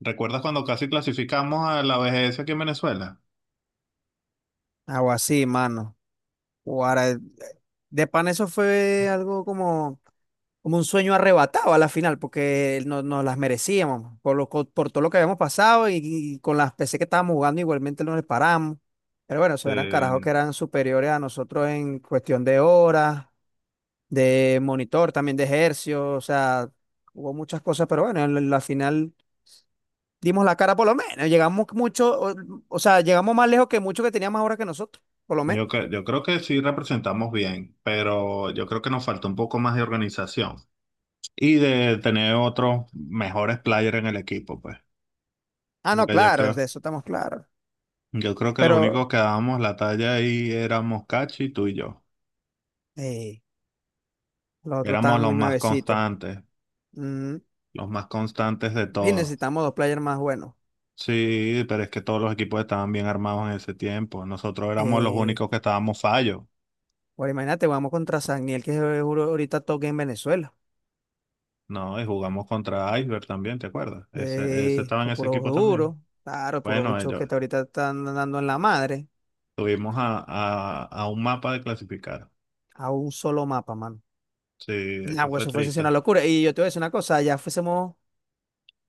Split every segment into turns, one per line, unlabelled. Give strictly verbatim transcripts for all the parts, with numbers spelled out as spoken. ¿Recuerdas cuando casi clasificamos a la B G S aquí en Venezuela?
Algo así, mano. Guara, de pan eso fue algo como, como un sueño arrebatado a la final, porque no- nos las merecíamos por, lo, co- por todo lo que habíamos pasado y, y con las P C que estábamos jugando igualmente no les paramos. Pero bueno, esos eran carajos que
Eh,
eran superiores a nosotros en cuestión de horas, de monitor, también de ejercicio, o sea, hubo muchas cosas, pero bueno, en la la final dimos la cara por lo menos, llegamos mucho, o, o sea, llegamos más lejos que muchos que tenían más horas que nosotros, por lo menos.
yo, cre- yo creo que sí representamos bien, pero yo creo que nos falta un poco más de organización y de tener otros mejores players en el equipo, pues.
Ah, no,
Porque yo
claro, es de
creo,
eso estamos claros.
yo creo que lo
Pero
único que dábamos la talla ahí éramos Cachi, tú y yo.
eh, los otros
Éramos
estaban
los
muy
más
nuevecitos.
constantes,
Mm,
los más constantes de
y
todos.
necesitamos dos players más buenos.
Sí, pero es que todos los equipos estaban bien armados en ese tiempo. Nosotros éramos los
Eh,
únicos que estábamos fallos.
bueno, imagínate, vamos contra Sagniel, que es juro- ahorita toque en Venezuela.
No, y jugamos contra Iceberg también, ¿te acuerdas? Ese, ese
Eh,
estaba en
son
ese
puros
equipo también.
duros, claro, puros
Bueno,
bichos
ellos
que te ahorita están dando en la madre
tuvimos a, a, a un mapa de clasificar.
a un solo mapa, mano.
Sí,
Ah,
eso
güey,
fue
eso fuese una
triste.
locura. Y yo te voy a decir una cosa, ya fuésemos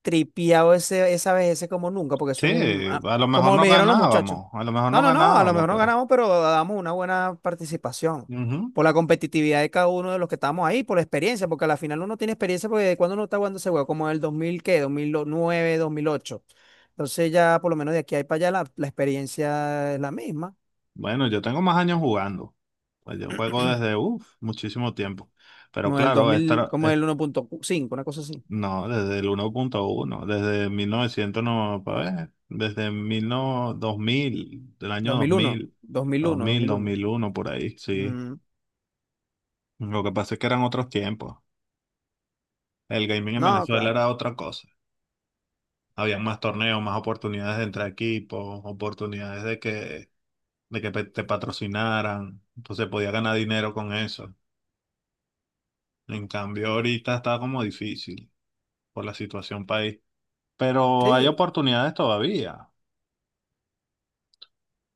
tripeado ese, esa vez, ese como nunca, porque
Sí,
eso es un. ah,
a lo mejor
Como
no
me dijeron los muchachos.
ganábamos, a lo mejor
No,
no
no, no, a lo
ganábamos,
mejor no
pero
ganamos, pero damos una buena participación.
ujú.
Por la competitividad de cada uno de los que estamos ahí, por la experiencia, porque a la final uno tiene experiencia, porque de cuando uno está jugando ese juego, como en el dos mil, ¿qué? dos dos mil nueve, dos mil ocho. Entonces ya por lo menos de aquí a para allá la, la experiencia es la misma.
Bueno, yo tengo más años jugando. Pues yo juego desde, uff, muchísimo tiempo. Pero
No el
claro,
dos mil,
esta,
como el uno punto cinco, una cosa así.
No, desde el uno punto uno, desde mil novecientos no, para ver, desde mil no dos mil del año
dos
dos dos
mil uno,
mil
dos mil
dos
uno, dos
mil
mil
dos
uno,
mil uno por ahí,
dos mil uno, dos mil uno,
sí.
dos mil uno. Mm,
Lo que pasa es que eran otros tiempos. El gaming en
no,
Venezuela
claro.
era otra cosa. Había más torneos, más oportunidades de entre equipos, oportunidades de que, de que pe- te patrocinaran. Entonces podía ganar dinero con eso. En cambio, ahorita está como difícil por la situación país. Pero hay
Sí.
oportunidades todavía.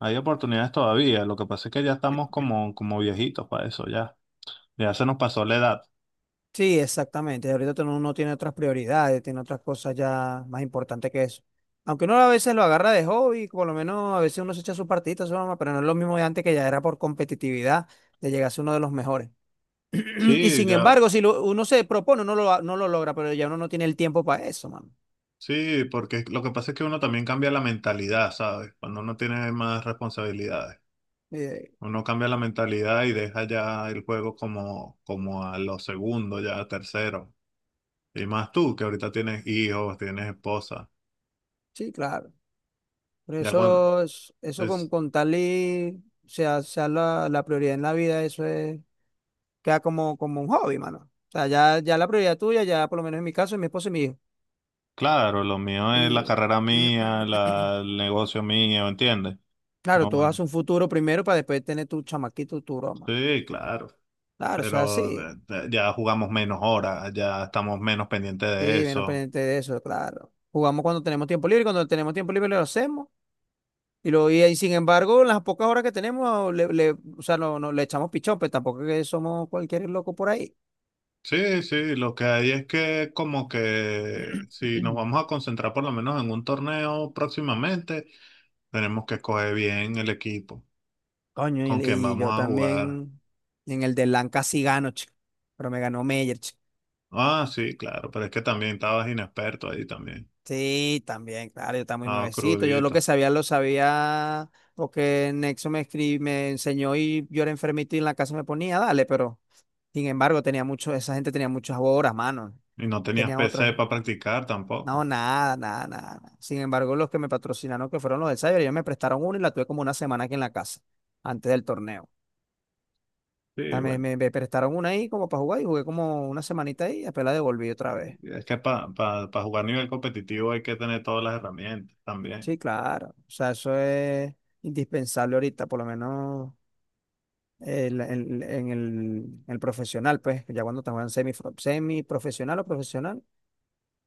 Hay oportunidades todavía, lo que pasa es que ya estamos como, como viejitos para eso, ya. Ya se nos pasó la edad.
Sí, exactamente. Ahorita tú no- uno tiene otras prioridades, tiene otras cosas ya más importantes que eso. Aunque uno a veces lo agarra de hobby, por lo menos a veces uno se echa sus partidita, su broma, pero no es lo mismo de antes que ya era por competitividad de llegar a ser uno de los mejores. Y
Sí,
sin
ya,
embargo, si lo- uno se propone, uno lo, no lo logra, pero ya uno no tiene el tiempo para eso, mano.
sí, porque lo que pasa es que uno también cambia la mentalidad, ¿sabes? Cuando uno tiene más responsabilidades.
Eh,
Uno cambia la mentalidad y deja ya el juego como, como a los segundos, ya a tercero. Y más tú, que ahorita tienes hijos, tienes esposa.
sí, claro. Por
Ya cuando
eso, es- eso con,
es,
con tal y sea, sea la, la prioridad en la vida, eso es queda como, como un hobby, mano. O sea, ya, ya la prioridad tuya, ya por lo menos en mi caso, es mi esposa y mi hijo.
claro, lo mío es la
Y
carrera mía, la, el negocio mío, ¿entiendes?
claro,
No,
tú haces
bueno,
un futuro primero para después tener tu chamaquito, tu broma.
sí, claro.
Claro, eso es
Pero
así.
de- de- ya jugamos menos horas, ya estamos menos pendientes de
Sí, menos
eso.
pendiente de eso, claro. Jugamos cuando tenemos tiempo libre, cuando tenemos tiempo libre lo hacemos. Y lo y ahí, sin embargo, en las pocas horas que tenemos, le, le- o sea, no, no, le echamos pichón, pero tampoco es que somos cualquier loco por ahí.
Sí, sí, lo que hay es que como que si nos vamos a concentrar por lo menos en un torneo próximamente, tenemos que escoger bien el equipo
Coño, y,
con
le-
quien
y
vamos
yo
a jugar.
también en el de Lanca sí gano, chico. Pero me ganó Meyer.
Ah, sí, claro, pero es que también estabas inexperto ahí también.
Sí, también, claro, yo estaba muy
Ah,
nuevecito. Yo lo que
crudito.
sabía lo sabía porque Nexo me escri- me enseñó y yo era enfermito y en la casa me ponía, dale, pero sin embargo tenía mucho, esa gente tenía muchas horas, mano.
Y no tenías
Tenían
P C
otros.
para practicar
No,
tampoco.
nada, nada, nada, nada. Sin embargo, los que me patrocinaron, que fueron los del Cyber, ellos me prestaron una y la tuve como una semana aquí en la casa, antes del torneo.
Sí,
También
bueno,
me, me prestaron una ahí como para jugar y jugué como una semanita ahí y después la devolví otra vez.
es que para jugar nivel competitivo hay que tener todas las herramientas también.
Sí, claro. O sea, eso es indispensable ahorita, por lo menos. el- el- en el, el profesional, pues, ya cuando estamos en semi, semiprofesional o profesional,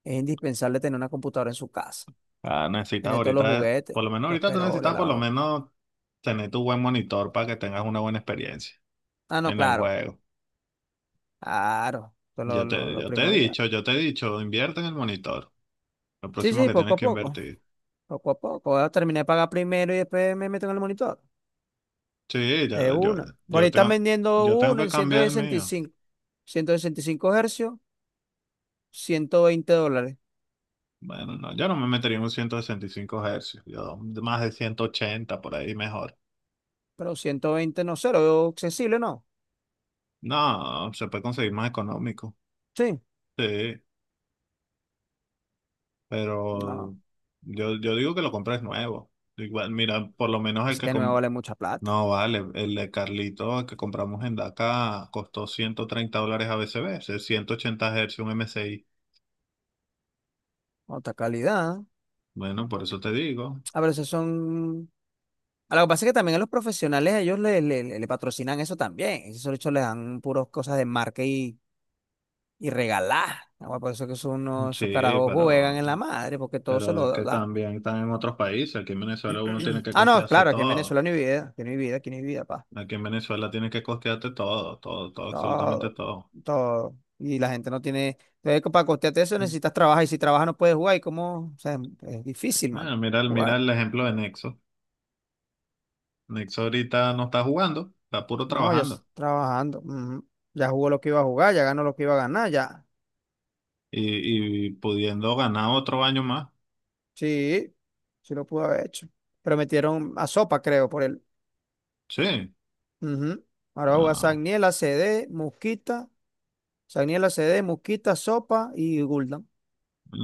es indispensable tener una computadora en su casa,
Ah, necesitas
tener todos los
ahorita,
juguetes,
por lo menos
los
ahorita tú
peroles,
necesitas por
la
lo
no.
menos tener tu buen monitor para que tengas una buena experiencia
Ah, no,
en el
claro,
juego.
claro, eso es lo,
Yo
lo,
te,
lo
yo te he
primordial.
dicho, yo te he dicho, invierte en el monitor. Lo
Sí,
próximo
sí,
que
poco
tienes
a
que
poco,
invertir.
poco a poco. Ahora terminé de pagar primero y después me meto en el monitor.
Sí,
De
yo, yo,
una. Por
yo
ahí están
tengo,
vendiendo
yo tengo
uno
que
en ciento
cambiar
ciento
el
sesenta sesenta y
mío.
cinco ciento sesenta y cinco hercios, ciento veinte dólares.
Bueno, no, yo no me metería en un ciento sesenta y cinco hercios, yo más de ciento ochenta por ahí mejor.
Pero ciento veinte no sé, lo veo accesible, ¿no?
No, se puede conseguir más económico.
Sí.
Sí, pero
No.
yo, yo digo que lo compres nuevo. Igual, mira, por lo menos el
Así
que,
que no me
com-
vale mucha plata.
No, vale, el de Carlito que compramos en DACA costó ciento treinta dólares a ABCB, es ciento ochenta hercios un M S I.
Otra calidad.
Bueno, por eso te digo.
A ver, esos son. A lo que pasa es que también a los profesionales ellos le, le, le- le patrocinan eso también. Esos de hecho les dan puras cosas de marca y, y regalar. Ah, bueno, por eso que son unos, esos
Sí,
carajos juegan
pero,
en la madre, porque todo se
pero es
lo
que
dan.
también están en otros países. Aquí en Venezuela uno tiene que
Ah, no,
costearse
claro, aquí en
todo.
Venezuela no hay vida, aquí no hay vida, aquí no hay vida, pa.
Aquí en Venezuela tienes que costearte todo, todo, todo, absolutamente
Todo,
todo.
todo. Y la gente no tiene. Entonces, para costearte eso necesitas trabajar, y si trabajas no puedes jugar, y cómo, o sea, es difícil, mano.
Bueno, mira, el- mira el ejemplo de Nexo. Nexo ahorita no está jugando, está puro
No, ya estoy
trabajando
trabajando. Ujú. Ya jugó lo que iba a jugar, ya ganó lo que iba a ganar, ya.
y, y pudiendo ganar otro año más.
Sí, sí lo pudo haber hecho. Pero metieron a Sopa, creo, por él.
Sí.
Ujú. Ahora va a jugar
Ah,
Sagniela, C D, Musquita. Sagniela, C D, Musquita, Sopa y Guldan.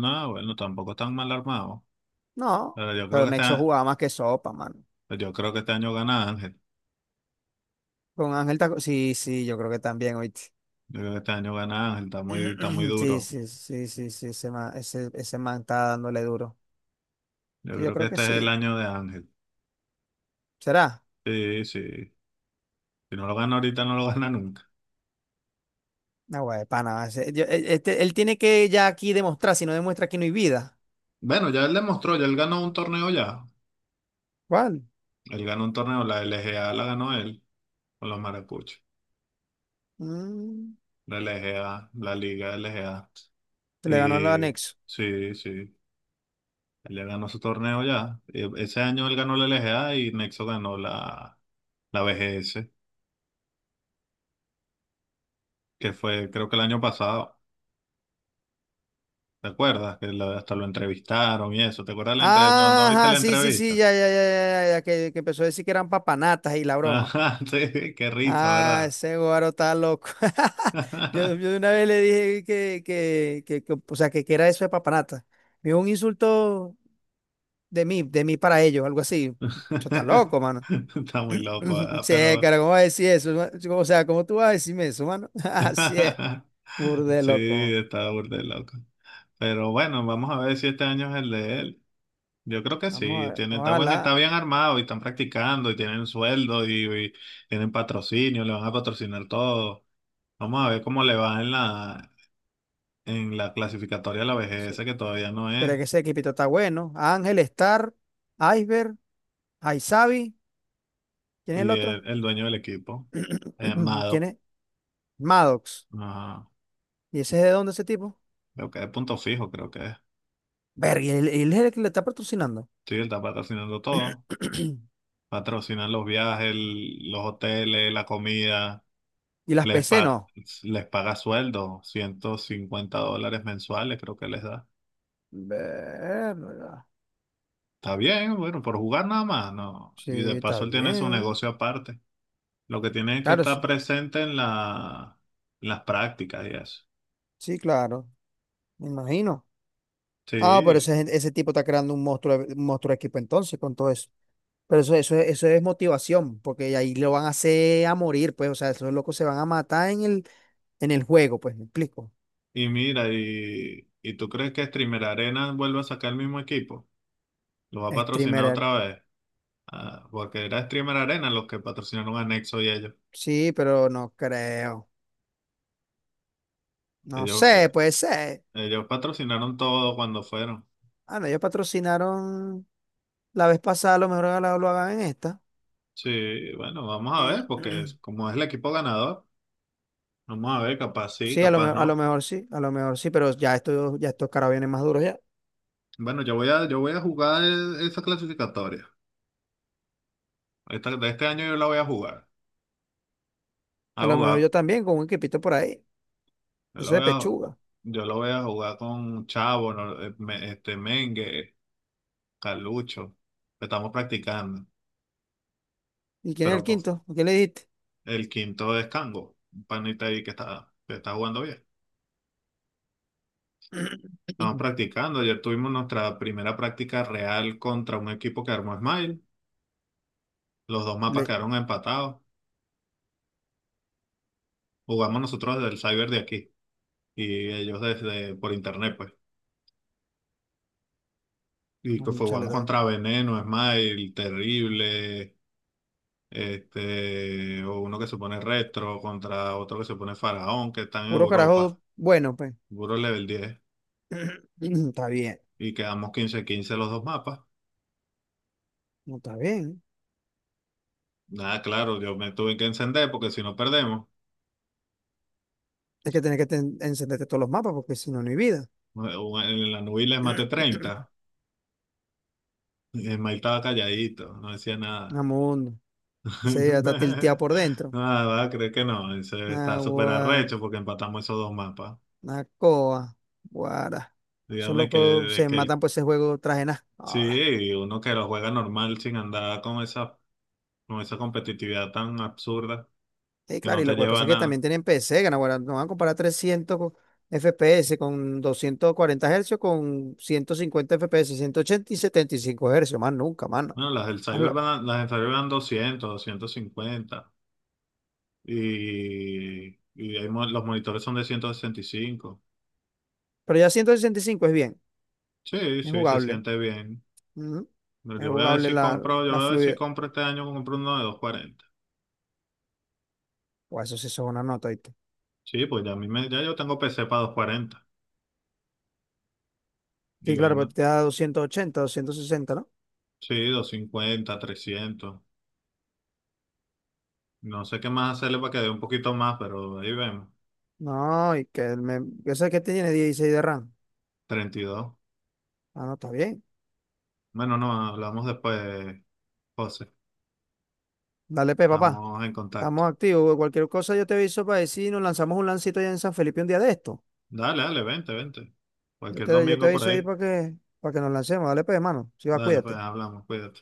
no, bueno, tampoco están mal armados.
No,
Pero yo creo
pero
que este,
Nexo jugaba más que Sopa, mano.
yo creo que este año gana Ángel.
Con Ángel Taco. Sí, sí, yo creo que también, oíste.
Yo creo que este año gana Ángel, está muy, está muy
Sí,
duro.
sí, sí, sí, sí, ese man, ese, ese man está dándole duro.
Yo
Sí, yo
creo que
creo que
este es el
sí.
año de Ángel.
¿Será?
Sí, sí. Si no lo gana ahorita, no lo gana nunca.
No, güey, pana. Ese- yo- e- este- él tiene que ya aquí demostrar, si no demuestra aquí no hay vida.
Bueno, ya él demostró, ya él ganó un torneo ya.
¿Cuál?
Él ganó un torneo, la L G A la ganó él con los maracuchos.
Mm,
La L G A, la Liga L G A.
se le ganó el
Y
anexo.
sí, sí. Él ya ganó su torneo ya. E- Ese año él ganó la L G A y Nexo ganó la, la B G S. Que fue creo que el año pasado, ¿te acuerdas? Que lo- hasta lo entrevistaron y eso, ¿te acuerdas la entrevista? ¿No, no viste
Ajá,
la
sí, sí, sí,
entrevista?
ya, ya, ya, ya, ya, ya, que, que empezó a decir que eran papanatas y la broma.
Ajá, sí, qué risa,
Ah,
¿verdad?
ese guaro está loco. Yo, yo de una vez le dije que, que, que, que, o sea, que, que era eso de papanata. Me dijo un insulto de mí, de mí para ellos, algo así. Yo está loco, mano.
Está muy loco, ¿verdad?
Sí,
Pero
cara, ¿cómo vas a decir eso? ma- O sea, ¿cómo tú vas a decirme eso, mano? Así es. Burde
sí,
loco.
está burda de loco. Pero bueno, vamos a ver si este año es el de él. Yo creo que
Vamos a
sí,
ver.
tiene, está buen, está
Ojalá.
bien armado y están practicando y tienen sueldo y, y tienen patrocinio, le van a patrocinar todo. Vamos a ver cómo le va en la, en la clasificatoria de la vejez,
Sí.
que todavía no
Pero es
es,
que ese equipito está bueno. Ángel, Star, Iceberg, Aizabi. ¿Quién es el
y
otro?
el, el dueño del equipo, eh,
¿Quién
Mado,
es? Maddox.
ajá,
¿Y ese es de dónde ese tipo?
creo que es punto fijo, creo que es.
Ver, y él, él es el que le está patrocinando.
Sí, él está patrocinando todo, patrocinan los viajes, el- los hoteles, la comida,
Y las
les,
P C
pa-
no.
les paga sueldo, ciento cincuenta dólares mensuales creo que les da.
Verga.
Está bien, bueno, por jugar nada más, no.
Sí,
Y de
está
paso él tiene su
bien.
negocio aparte. Lo que tiene es que
Claro,
estar
sí.
presente en la, en las prácticas y eso.
Sí, claro. Me imagino. Ah, pero
Sí.
ese, ese tipo está creando un monstruo, un monstruo de equipo entonces con todo eso. Pero eso, eso, es- eso es motivación, porque ahí lo van a hacer a morir, pues, o sea, esos locos se van a matar en el, en el juego, pues, me explico.
Y mira, y, ¿y tú crees que Streamer Arena vuelve a sacar el mismo equipo? ¿Lo va a patrocinar
Streamer,
otra vez? Ah, porque era Streamer Arena los que patrocinaron a Nexo y ellos.
sí, pero no creo. No
Ellos, eh,
sé, puede ser.
ellos patrocinaron todo cuando fueron.
Ah, no, ellos patrocinaron la vez pasada, a lo mejor ahora lo, hagan en esta.
Sí, bueno, vamos a ver, porque es- como es el equipo ganador, vamos a ver, capaz sí,
Sí, a lo, me-
capaz
a lo
no.
mejor sí, a lo mejor sí, pero ya esto, ya estos caras vienen más duros ya.
Bueno, yo voy a, yo voy a jugar e- esa clasificatoria. Esta- de este año yo la voy a jugar. A
A lo mejor
jugar.
yo también, con un equipito por ahí.
Yo la
Eso de
voy a,
pechuga.
yo la voy a jugar con Chavo, no- eh, me- este, Mengue. Calucho. Estamos practicando.
¿Y quién es
Pero
el
pues,
quinto? ¿A ¿Qué le dijiste?
el quinto es Cango, un panita ahí que está, que está jugando bien. Estamos practicando. Ayer tuvimos nuestra primera práctica real contra un equipo que armó Smile. Los dos mapas
Le,
quedaron empatados. Jugamos nosotros desde el cyber de aquí y ellos desde por internet, pues. Y pues
Bueno, chale,
jugamos
está bien.
contra Veneno, Smile, Terrible, este, o uno que se pone Retro, contra otro que se pone Faraón, que están en
Puro
Europa.
carajo, bueno, pues.
Puro level diez.
Está bien,
Y quedamos quince quince los dos mapas.
no está bien.
Nada, claro, yo me tuve que encender porque si no perdemos.
Es que tenés que ten- encenderte todos los mapas porque si no, no hay vida.
O En la nube les maté treinta. El Mike estaba calladito, no decía nada.
Amundo. Ese ya está tilteado por dentro.
Nada, creo que no. Ese está súper
Agua,
arrecho porque empatamos esos dos mapas.
Nacoa, Guara. Esos
Dígame que,
locos
de
se
que el-
matan por ese juego traje nada. Ah,
sí, uno que lo juega normal sin andar con esa, con esa competitividad tan absurda
sí,
que
claro,
no
y
te
lo que
lleva
pasa
a
es que también
nada.
tienen P C, gana, guara. No van a comparar trescientos co- F P S con doscientos cuarenta Hz con ciento cincuenta F P S, ochenta y setenta y cinco Hz, más nunca, mano.
Bueno, las del Cyber
Hazlo.
van, las del Cyber van doscientos doscientos cincuenta. Y, y hay mo- los monitores son de ciento sesenta y cinco.
Pero ya ciento sesenta y cinco es bien,
Sí,
es
sí, se
jugable.
siente bien.
Ujú.
Pero
Es
Yo voy a ver
jugable
si
la, la,
compro, yo
la
voy a ver si
fluidez.
compro este año, compro uno de doscientos cuarenta.
Pues eso sí eso es una nota, ¿viste?
Sí, pues ya, a mí me, ya yo tengo P C para doscientos cuarenta. Y
Sí, claro, pero
bueno,
te da doscientos ochenta, doscientos sesenta, ¿no?
sí, doscientos cincuenta trescientos. No sé qué más hacerle para que dé un poquito más, pero ahí vemos.
No, y que el me... Yo sé que tiene dieciséis de RAM.
Treinta y dos.
Ah, no, está bien.
Bueno, no, hablamos después, José.
Dale, pe, papá.
Estamos en contacto.
Estamos activos, güey. Cualquier cosa yo te aviso para decir, nos lanzamos un lancito allá en San Felipe un día de esto.
Dale, dale, vente, vente.
Yo
Cualquier
te, yo te
domingo por
aviso ahí
ahí.
para que, para que nos lancemos. Dale, pe, hermano. Si va,
Dale, pues
cuídate.
hablamos, cuídate.